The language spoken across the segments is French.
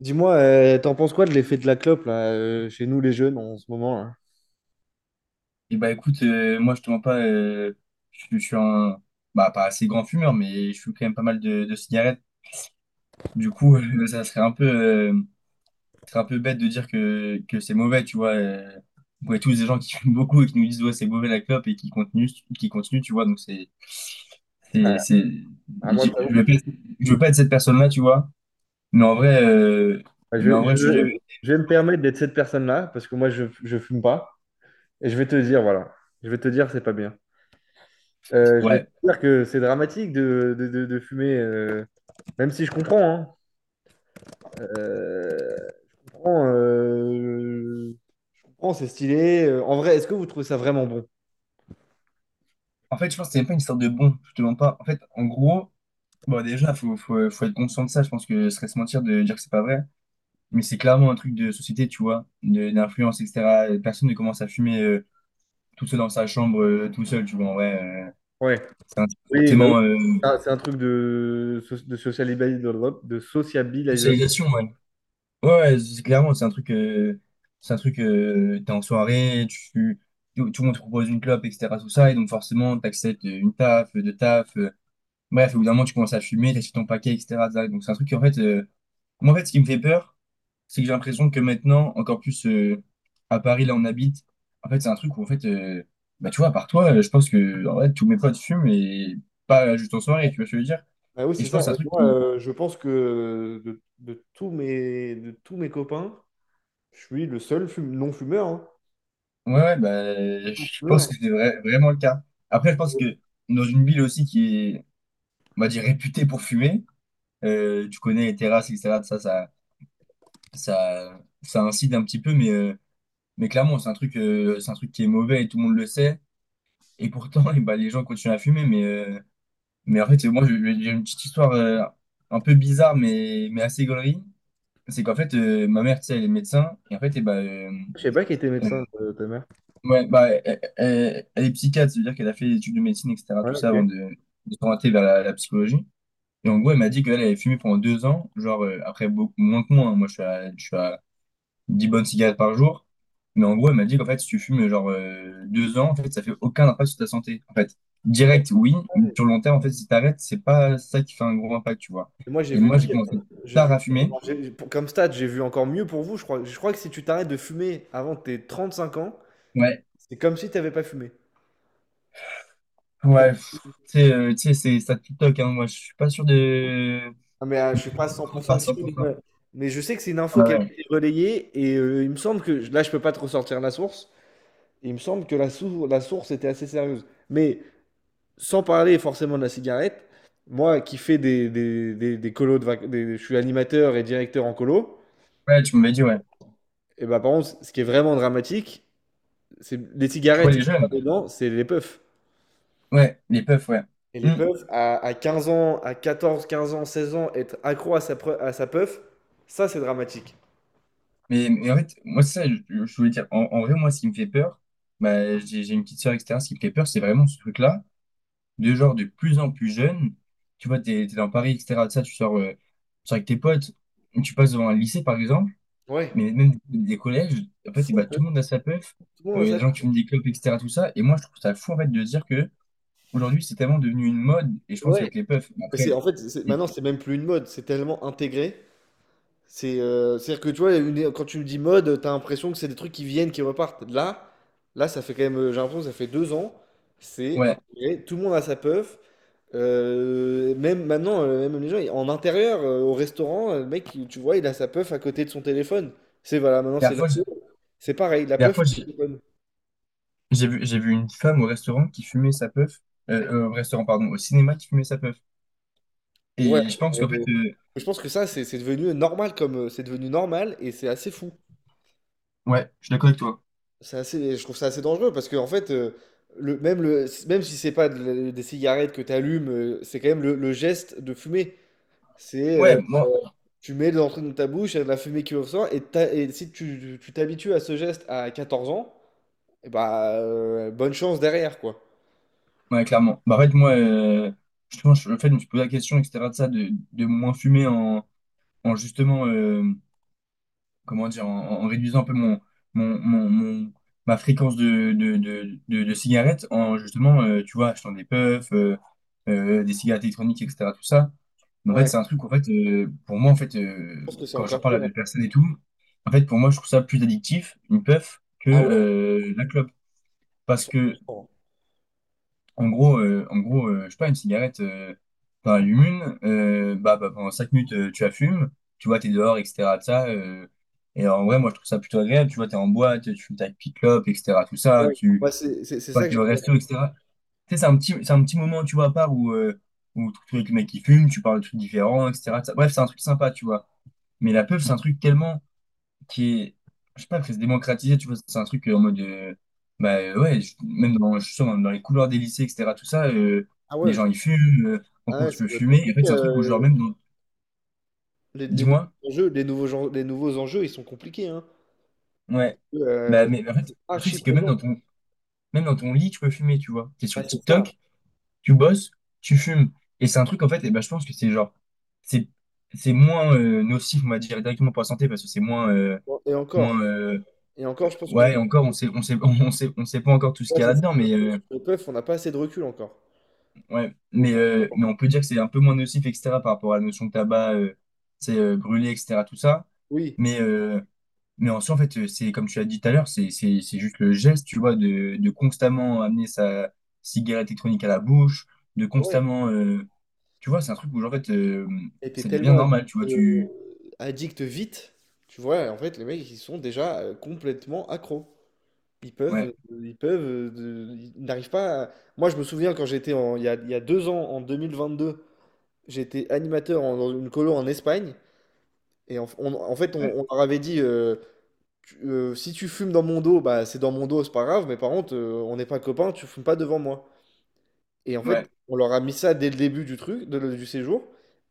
Dis-moi, t'en penses quoi de l'effet de la clope là, chez nous les jeunes en ce moment là? Et bah écoute, moi je te mens pas, je suis bah pas assez grand fumeur, mais je fume quand même pas mal de cigarettes. Du coup, ça serait un peu bête de dire que c'est mauvais, tu vois. On connaît tous des gens qui fument beaucoup et qui nous disent ouais c'est mauvais la clope et qui continuent, tu vois. Donc Ouais. c'est, c'est, Ah, moi, j'ai- t'avoue, je veux pas, je veux pas être cette personne-là, tu vois. Mais en vrai, euh, je, mais en vrai, je suis jamais. je- je vais me permettre d'être cette personne-là parce que moi je fume pas et je vais te dire, voilà, je vais te dire, c'est pas bien. Je vais te Ouais. dire que c'est dramatique de fumer, même si je comprends, hein. Euh, je comprends, euh, je comprends, c'est stylé. En vrai, est-ce que vous trouvez ça vraiment bon? En fait, je pense que c'est même pas une sorte de bon, je te mens pas. En fait, en gros. Bon, déjà, faut être conscient de ça. Je pense que ce serait se mentir de dire que c'est pas vrai. Mais c'est clairement un truc de société, tu vois, d'influence, etc. Personne ne commence à fumer tout seul dans sa chambre, tout seul, tu vois, en vrai. Euh, Ouais. Oui, bah oui. Forcément, Ça, c'est un truc de, so- de socialisabil- de sociabilisation. socialisation, ouais. Ouais, ouais, c'est clairement, c'est un truc, t'es en soirée, tout le monde te propose une clope, etc. Tout ça, et donc forcément, t'acceptes une taf, deux taf. Bref, au bout d'un moment, tu commences à fumer, t'achètes ton paquet, etc. Donc c'est un truc, en fait. Moi, en fait, ce qui me fait peur, c'est que j'ai l'impression que maintenant, encore plus à Paris, là, on habite. En fait, c'est un truc où, en fait, bah, tu vois, à part toi, je pense que en vrai, tous mes potes fument et pas juste en soirée, tu vois ce que je veux dire? Bah oui, Et c'est je ça. pense que c'est un Et truc moi, qui. Je pense que de tous mes copains, je suis le seul non-fumeur, hein. Ouais, ouais, bah, je pense Fumeur. que c'est vraiment le cas. Après, je pense que dans une ville aussi qui est, on va dire, réputée pour fumer, tu connais les terrasses, etc. Ça incite un petit peu, mais clairement, c'est un truc qui est mauvais et tout le monde le sait. Et pourtant, et ben, les gens continuent à fumer, mais en fait, moi, j'ai une petite histoire un peu bizarre, mais assez gaulerie. C'est qu'en fait, ma mère, tu sais, elle est médecin, et en fait, et ben, Je sais pas qui était euh, médecin, ta mère. ouais, bah, elle est psychiatre, c'est-à-dire qu'elle a fait des études de médecine, etc., Ouais, tout ça, avant ok. De s'orienter vers la psychologie. Et en gros, elle m'a dit qu'elle elle avait fumé pendant 2 ans, genre, après, beaucoup moins que moi, hein. Moi, je suis à, 10 bonnes cigarettes par jour. Mais en gros, elle m'a dit qu'en fait, si tu fumes genre 2 ans, en fait, ça fait aucun impact sur ta santé. En fait, Ouais, direct, oui, mais ouais. sur le long terme, en fait, si t'arrêtes, c'est pas ça qui fait un gros impact, tu vois. Et moi, j'ai Et vu moi, j'ai, ouais, pire. commencé J'ai tard à vu pire. Enfin, fumer. Comme stade, j'ai vu encore mieux pour vous. Je crois que si tu t'arrêtes de fumer avant tes 35 ans, Ouais. c'est comme si tu n'avais pas fumé. Pour... Ouais, pff, tu sais, c'est ça TikTok, hein. Moi, je suis pas sûr de Ah, mais je suis pas cent pour à cent sûr. Mais 100%. mais je sais que c'est une info Ouais, qui a été ouais. relayée et il me semble que là, je peux pas te ressortir la source. Il me semble que la source était assez sérieuse. Mais sans parler forcément de la cigarette, moi qui fais des colos je suis animateur et directeur en colo, Ouais, tu m'avais dit, ouais. et bah par contre, ce qui est vraiment dramatique, c'est les Tu vois cigarettes, ils les sont pas jeunes? dedans, c'est les puffs. Ouais, les puffs, ouais. Et les Hmm. puffs, à 15 ans, à 14, 15 ans, 16 ans, être accro à sa puff, ça c'est dramatique. Mais en fait, moi, c'est ça, je voulais dire, en vrai, moi, ce qui me fait peur, bah, j'ai une petite soeur, etc. Ce qui me fait peur, c'est vraiment ce truc-là, de genre de plus en plus jeunes. Tu vois, t'es dans Paris, etc., de ça, tu sors avec tes potes, tu passes devant un lycée, par exemple, Ouais. mais même des collèges, en fait, et bah, tout le monde a sa puff, Tout le monde a il sa gens qui puff. fument des clopes, etc. tout ça. Et moi, je trouve ça fou, en fait, de se dire que aujourd'hui, c'est tellement devenu une mode, et je pense Ouais. qu'avec les puffs, Mais c'est, après, en fait, c'est- maintenant c'est même plus une mode, c'est tellement intégré. C'est-à-dire que tu vois, quand tu me dis mode, t'as l'impression que c'est des trucs qui viennent, qui repartent. Là, ça fait quand même, j'ai l'impression que ça fait 2 ans, c'est ouais, intégré, tout le monde a sa puff. Même maintenant, même les gens, en intérieur, au restaurant, le mec, tu vois, il a sa puff à côté de son téléphone. C'est voilà, maintenant la dernière fois, c'est pareil, la dernière puff fois, j'ai et téléphone. J'ai vu une femme au restaurant qui fumait sa puff, au restaurant, pardon, au cinéma qui fumait sa puff. Ouais. Et je pense qu'en fait, Euh, je pense que ça, c'est devenu normal comme, c'est devenu normal et c'est assez fou. ouais, je suis d'accord avec toi. Je trouve ça assez dangereux parce que en fait, même si c'est pas des cigarettes que tu allumes, c'est quand même le geste de fumer. C'est Ouais, moi. tu mets de l'entrée dans ta bouche, il y a de la fumée qui ressort et si tu t'habitues à ce geste à 14 ans, et bah bonne chance derrière quoi. Ouais, clairement. Bah, en fait, moi, justement, le fait, je me suis posé la question, etc., de ça, de moins fumer en, justement, comment dire, en réduisant un peu mon, mon, mon- ma fréquence de cigarettes, en justement, tu vois, achetant des puffs, des cigarettes électroniques, etc., tout ça. Mais en fait, Ouais, je c'est un truc, en fait, pour moi, en fait, pense que c'est quand j'en encore parle à pire, hein. des personnes et tout, en fait, pour moi, je trouve ça plus addictif, une puff, que Ah ouais, la clope. Parce que 100%. En gros je sais pas, une cigarette, t'en allumes une, bah, pendant 5 minutes, tu la fumes, tu vois, t'es dehors, etc. de ça, et en vrai, moi, je trouve ça plutôt agréable, tu vois, t'es en boîte, tu fumes ta petite clope, etc. Tout ça, Ouais, moi, tu c'est vois, ça que t'es au j'aime bien. resto, etc. Tu sais, c'est un petit moment, tu vois, à part où, où tu es avec le mec qui fume, tu parles de trucs différents, etc. tout ça. Bref, c'est un truc sympa, tu vois. Mais la pub, c'est un truc tellement qui est, je sais pas, que c'est démocratisé, tu vois, c'est un truc en mode, bah ouais, je suis sûr, même dans les couloirs des lycées, etc., tout ça, Ah les ouais, gens ils fument, en ah cours ouais, tu ça peux doit être fumer, et en fait compliqué. c'est un truc où genre euh, les, les dis-moi, nouveaux enjeux, ils sont compliqués, hein. ouais, bah Euh, mais en fait, le truc archi c'est que présent. Même dans ton lit tu peux fumer, tu vois, t'es Ouais, sur c'est ça. TikTok, tu bosses, tu fumes, et c'est un truc en fait, et bah je pense que c'est genre, c'est, c'est moins nocif, on va dire, directement pour la santé, parce que Bon. Et encore, moins, et encore, je pense ouais, qu'on... encore, on sait pas encore tout ce Ouais, qu'il y a c'est ça. là-dedans, mais. Sur le PEUF, on n'a pas assez de recul encore. Ouais, Au- pour- mais on peut dire que c'est un peu moins nocif, etc., par rapport à la notion de tabac, c'est brûlé, etc., tout ça. Oui, Mais, euh, mais en soi, en fait, c'est comme tu as dit tout à l'heure, c'est juste le geste, tu vois, de constamment amener sa cigarette électronique à la bouche, de ouais. constamment. Tu vois, c'est un truc où, genre, en fait, Et t'es ça devient tellement addict, normal, tu vois, euh, tu. addict vite, tu vois. En fait, les mecs, ils sont déjà complètement accros. Ils peuvent, Ouais, euh, ils peuvent, euh, de- ils n'arrivent pas à... Moi, je me souviens quand j'étais il y a 2 ans, en 2022, j'étais animateur dans une colo en Espagne. Et en fait, on, ouais, on leur avait dit. Si tu fumes dans mon dos, bah c'est dans mon dos, c'est pas grave, mais par contre, on n'est pas copains, tu fumes pas devant moi. Et en fait, ouais, on leur a mis ça dès le début du truc, du séjour,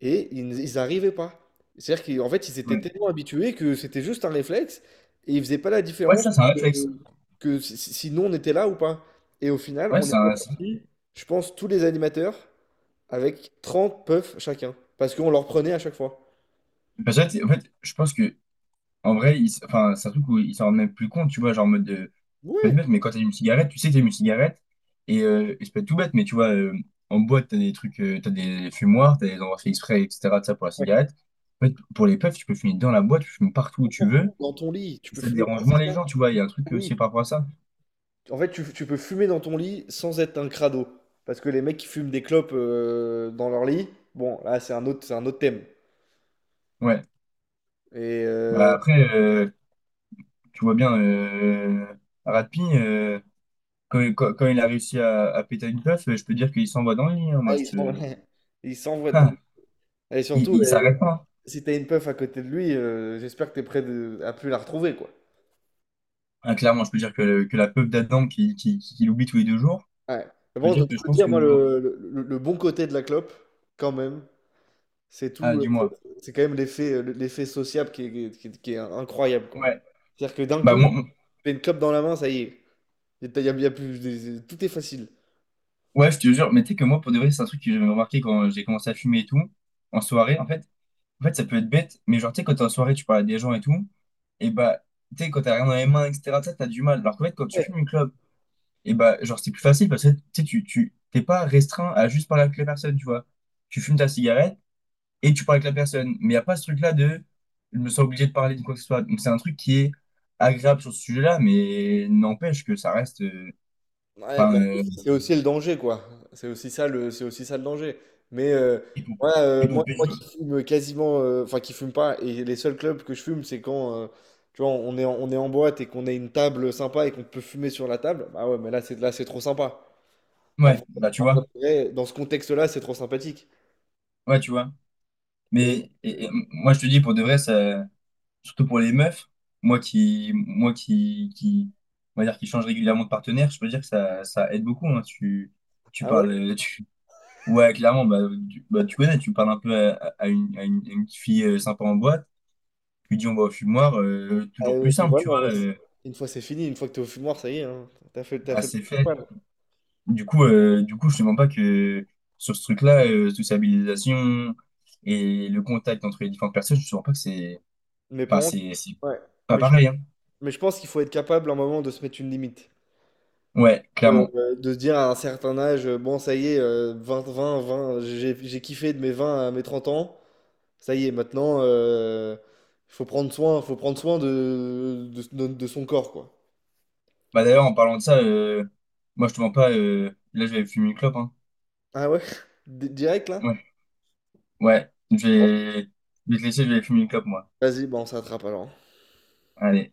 et ils arrivaient pas. C'est-à-dire qu'en fait, ils étaient ouais. tellement habitués que c'était juste un réflexe, et ils faisaient pas la Ouais, différence ça, c'est un réflexe. que si nous on était là ou pas. Et au final, Ouais, on est c'est un. C'est- reparti, je pense, tous les animateurs, avec 30 puffs chacun, parce qu'on leur prenait à chaque fois. Parce que, en fait, je pense que, en vrai, enfin, c'est un truc où ils s'en rendent même plus compte, tu vois, genre, en mode. Peut être Ouais, bête, mais quand t'allumes une cigarette, tu sais que t'allumes une cigarette. Et ça peut être tout bête, mais tu vois, en boîte, t'as des trucs, t'as des fumoirs, t'as des endroits faits exprès, etc. de ça pour la ouais, cigarette. En fait, pour les puffs, tu peux fumer dans la boîte, tu fumes partout où tu n'importe où, veux. dans ton lit, tu Et peux ça te fumer, alors dérange moins c'est ça, les gens, tu vois. Il dans y a un ton truc aussi lit. par rapport à ça. En fait, tu peux fumer dans ton lit sans être un crado. Parce que les mecs qui fument des clopes, dans leur lit, bon, là, c'est un autre thème. Ouais. Et Bah après, tu vois bien, Ratpi, quand il a réussi à péter une puff, je peux dire qu'il s'envoie dans le lit, hein, moi, ah, je te. Ils s'envoient dedans. Ah, Et surtout, il s'arrête pas. si t'as une puff à côté de lui, j'espère que t'es prêt à plus la retrouver, quoi. Ah, clairement, je peux dire que la puff d'Adam qui, l'oublie tous les 2 jours. Ouais. Mais Ça veut bon, je dire que je peux pense dire, que moi, nous... le bon côté de la clope, quand même, c'est Ah, tout. euh, dis-moi. C'est quand même l'effet, l'effet sociable qui est incroyable, quoi. Ouais. C'est-à-dire que d'un Bah, coup, tu moi, moi- fais une clope dans la main, ça y est. Y a plus, tout est facile. ouais, je te jure, mais tu sais que moi, pour de vrai, c'est un truc que j'avais remarqué quand j'ai commencé à fumer et tout, en soirée, en fait. En fait, ça peut être bête, mais genre, tu sais, quand t'es en soirée, tu parles à des gens et tout, et bah, tu sais, quand t'as rien dans les mains, etc., tu sais, t'as du mal. Alors qu'en fait, quand tu Ouais, fumes une clope, et bah, genre, c'est plus facile parce que, tu sais, t'es pas restreint à juste parler avec la personne, tu vois. Tu fumes ta cigarette et tu parles avec la personne. Mais y a pas ce truc-là de, je me sens obligé de parler de quoi que ce soit. Donc, c'est un truc qui est agréable sur ce sujet-là, mais n'empêche que ça reste. Ouais, bah, Enfin, c'est aussi le danger, quoi. C'est aussi ça le danger. Mais euh, épo- moi, euh, moi, épopée moi ju- qui fume quasiment, enfin qui fume pas, et les seuls clubs que je fume, c'est quand, tu vois, on est en boîte et qu'on a une table sympa et qu'on peut fumer sur la table. Bah ouais, mais là, c'est trop sympa. En Ouais, vrai, bah tu en vrai, vois. de vrai, dans ce contexte-là, c'est trop sympathique. Ouais, tu vois. Et Mais euh, et moi, je te dis, pour de vrai, ça, surtout pour les meufs, moi qui, on va dire, qui change régulièrement de partenaire, je peux dire que ça aide beaucoup, hein. Tu ah ouais, parles, euh, tu, ouais, clairement, bah, tu connais, tu parles un peu à une petite fille sympa en boîte, tu dis on va au fumoir, ah, toujours plus Puis simple, voilà, tu en vois, vrai, une fois c'est fini, une fois que t'es au fumoir, ça y est, hein, t'as fait, t'as à fait le ses fesses. principal. Du coup, je te mens pas que sur ce truc-là, toute sa mobilisation et le contact entre les différentes personnes, je te mens pas que c'est, Mais par enfin, contre, c'est ouais, pas mais je, pareil, hein. mais je pense qu'il faut être capable à un moment de se mettre une limite. Ouais, clairement. De se dire à un certain âge, bon, ça y est, 20 20 20, j'ai kiffé de mes 20 à mes 30 ans, ça y est, maintenant, il faut prendre soin, de son corps, quoi. Bah d'ailleurs, en parlant de ça, moi je te mens pas, là je vais aller fumer une clope, hein. Ah ouais? Direct, là? Ouais, ouais, je vais te laisser, je vais aller fumer une clope, moi. Vas-y, bon, on s'attrape alors. Allez.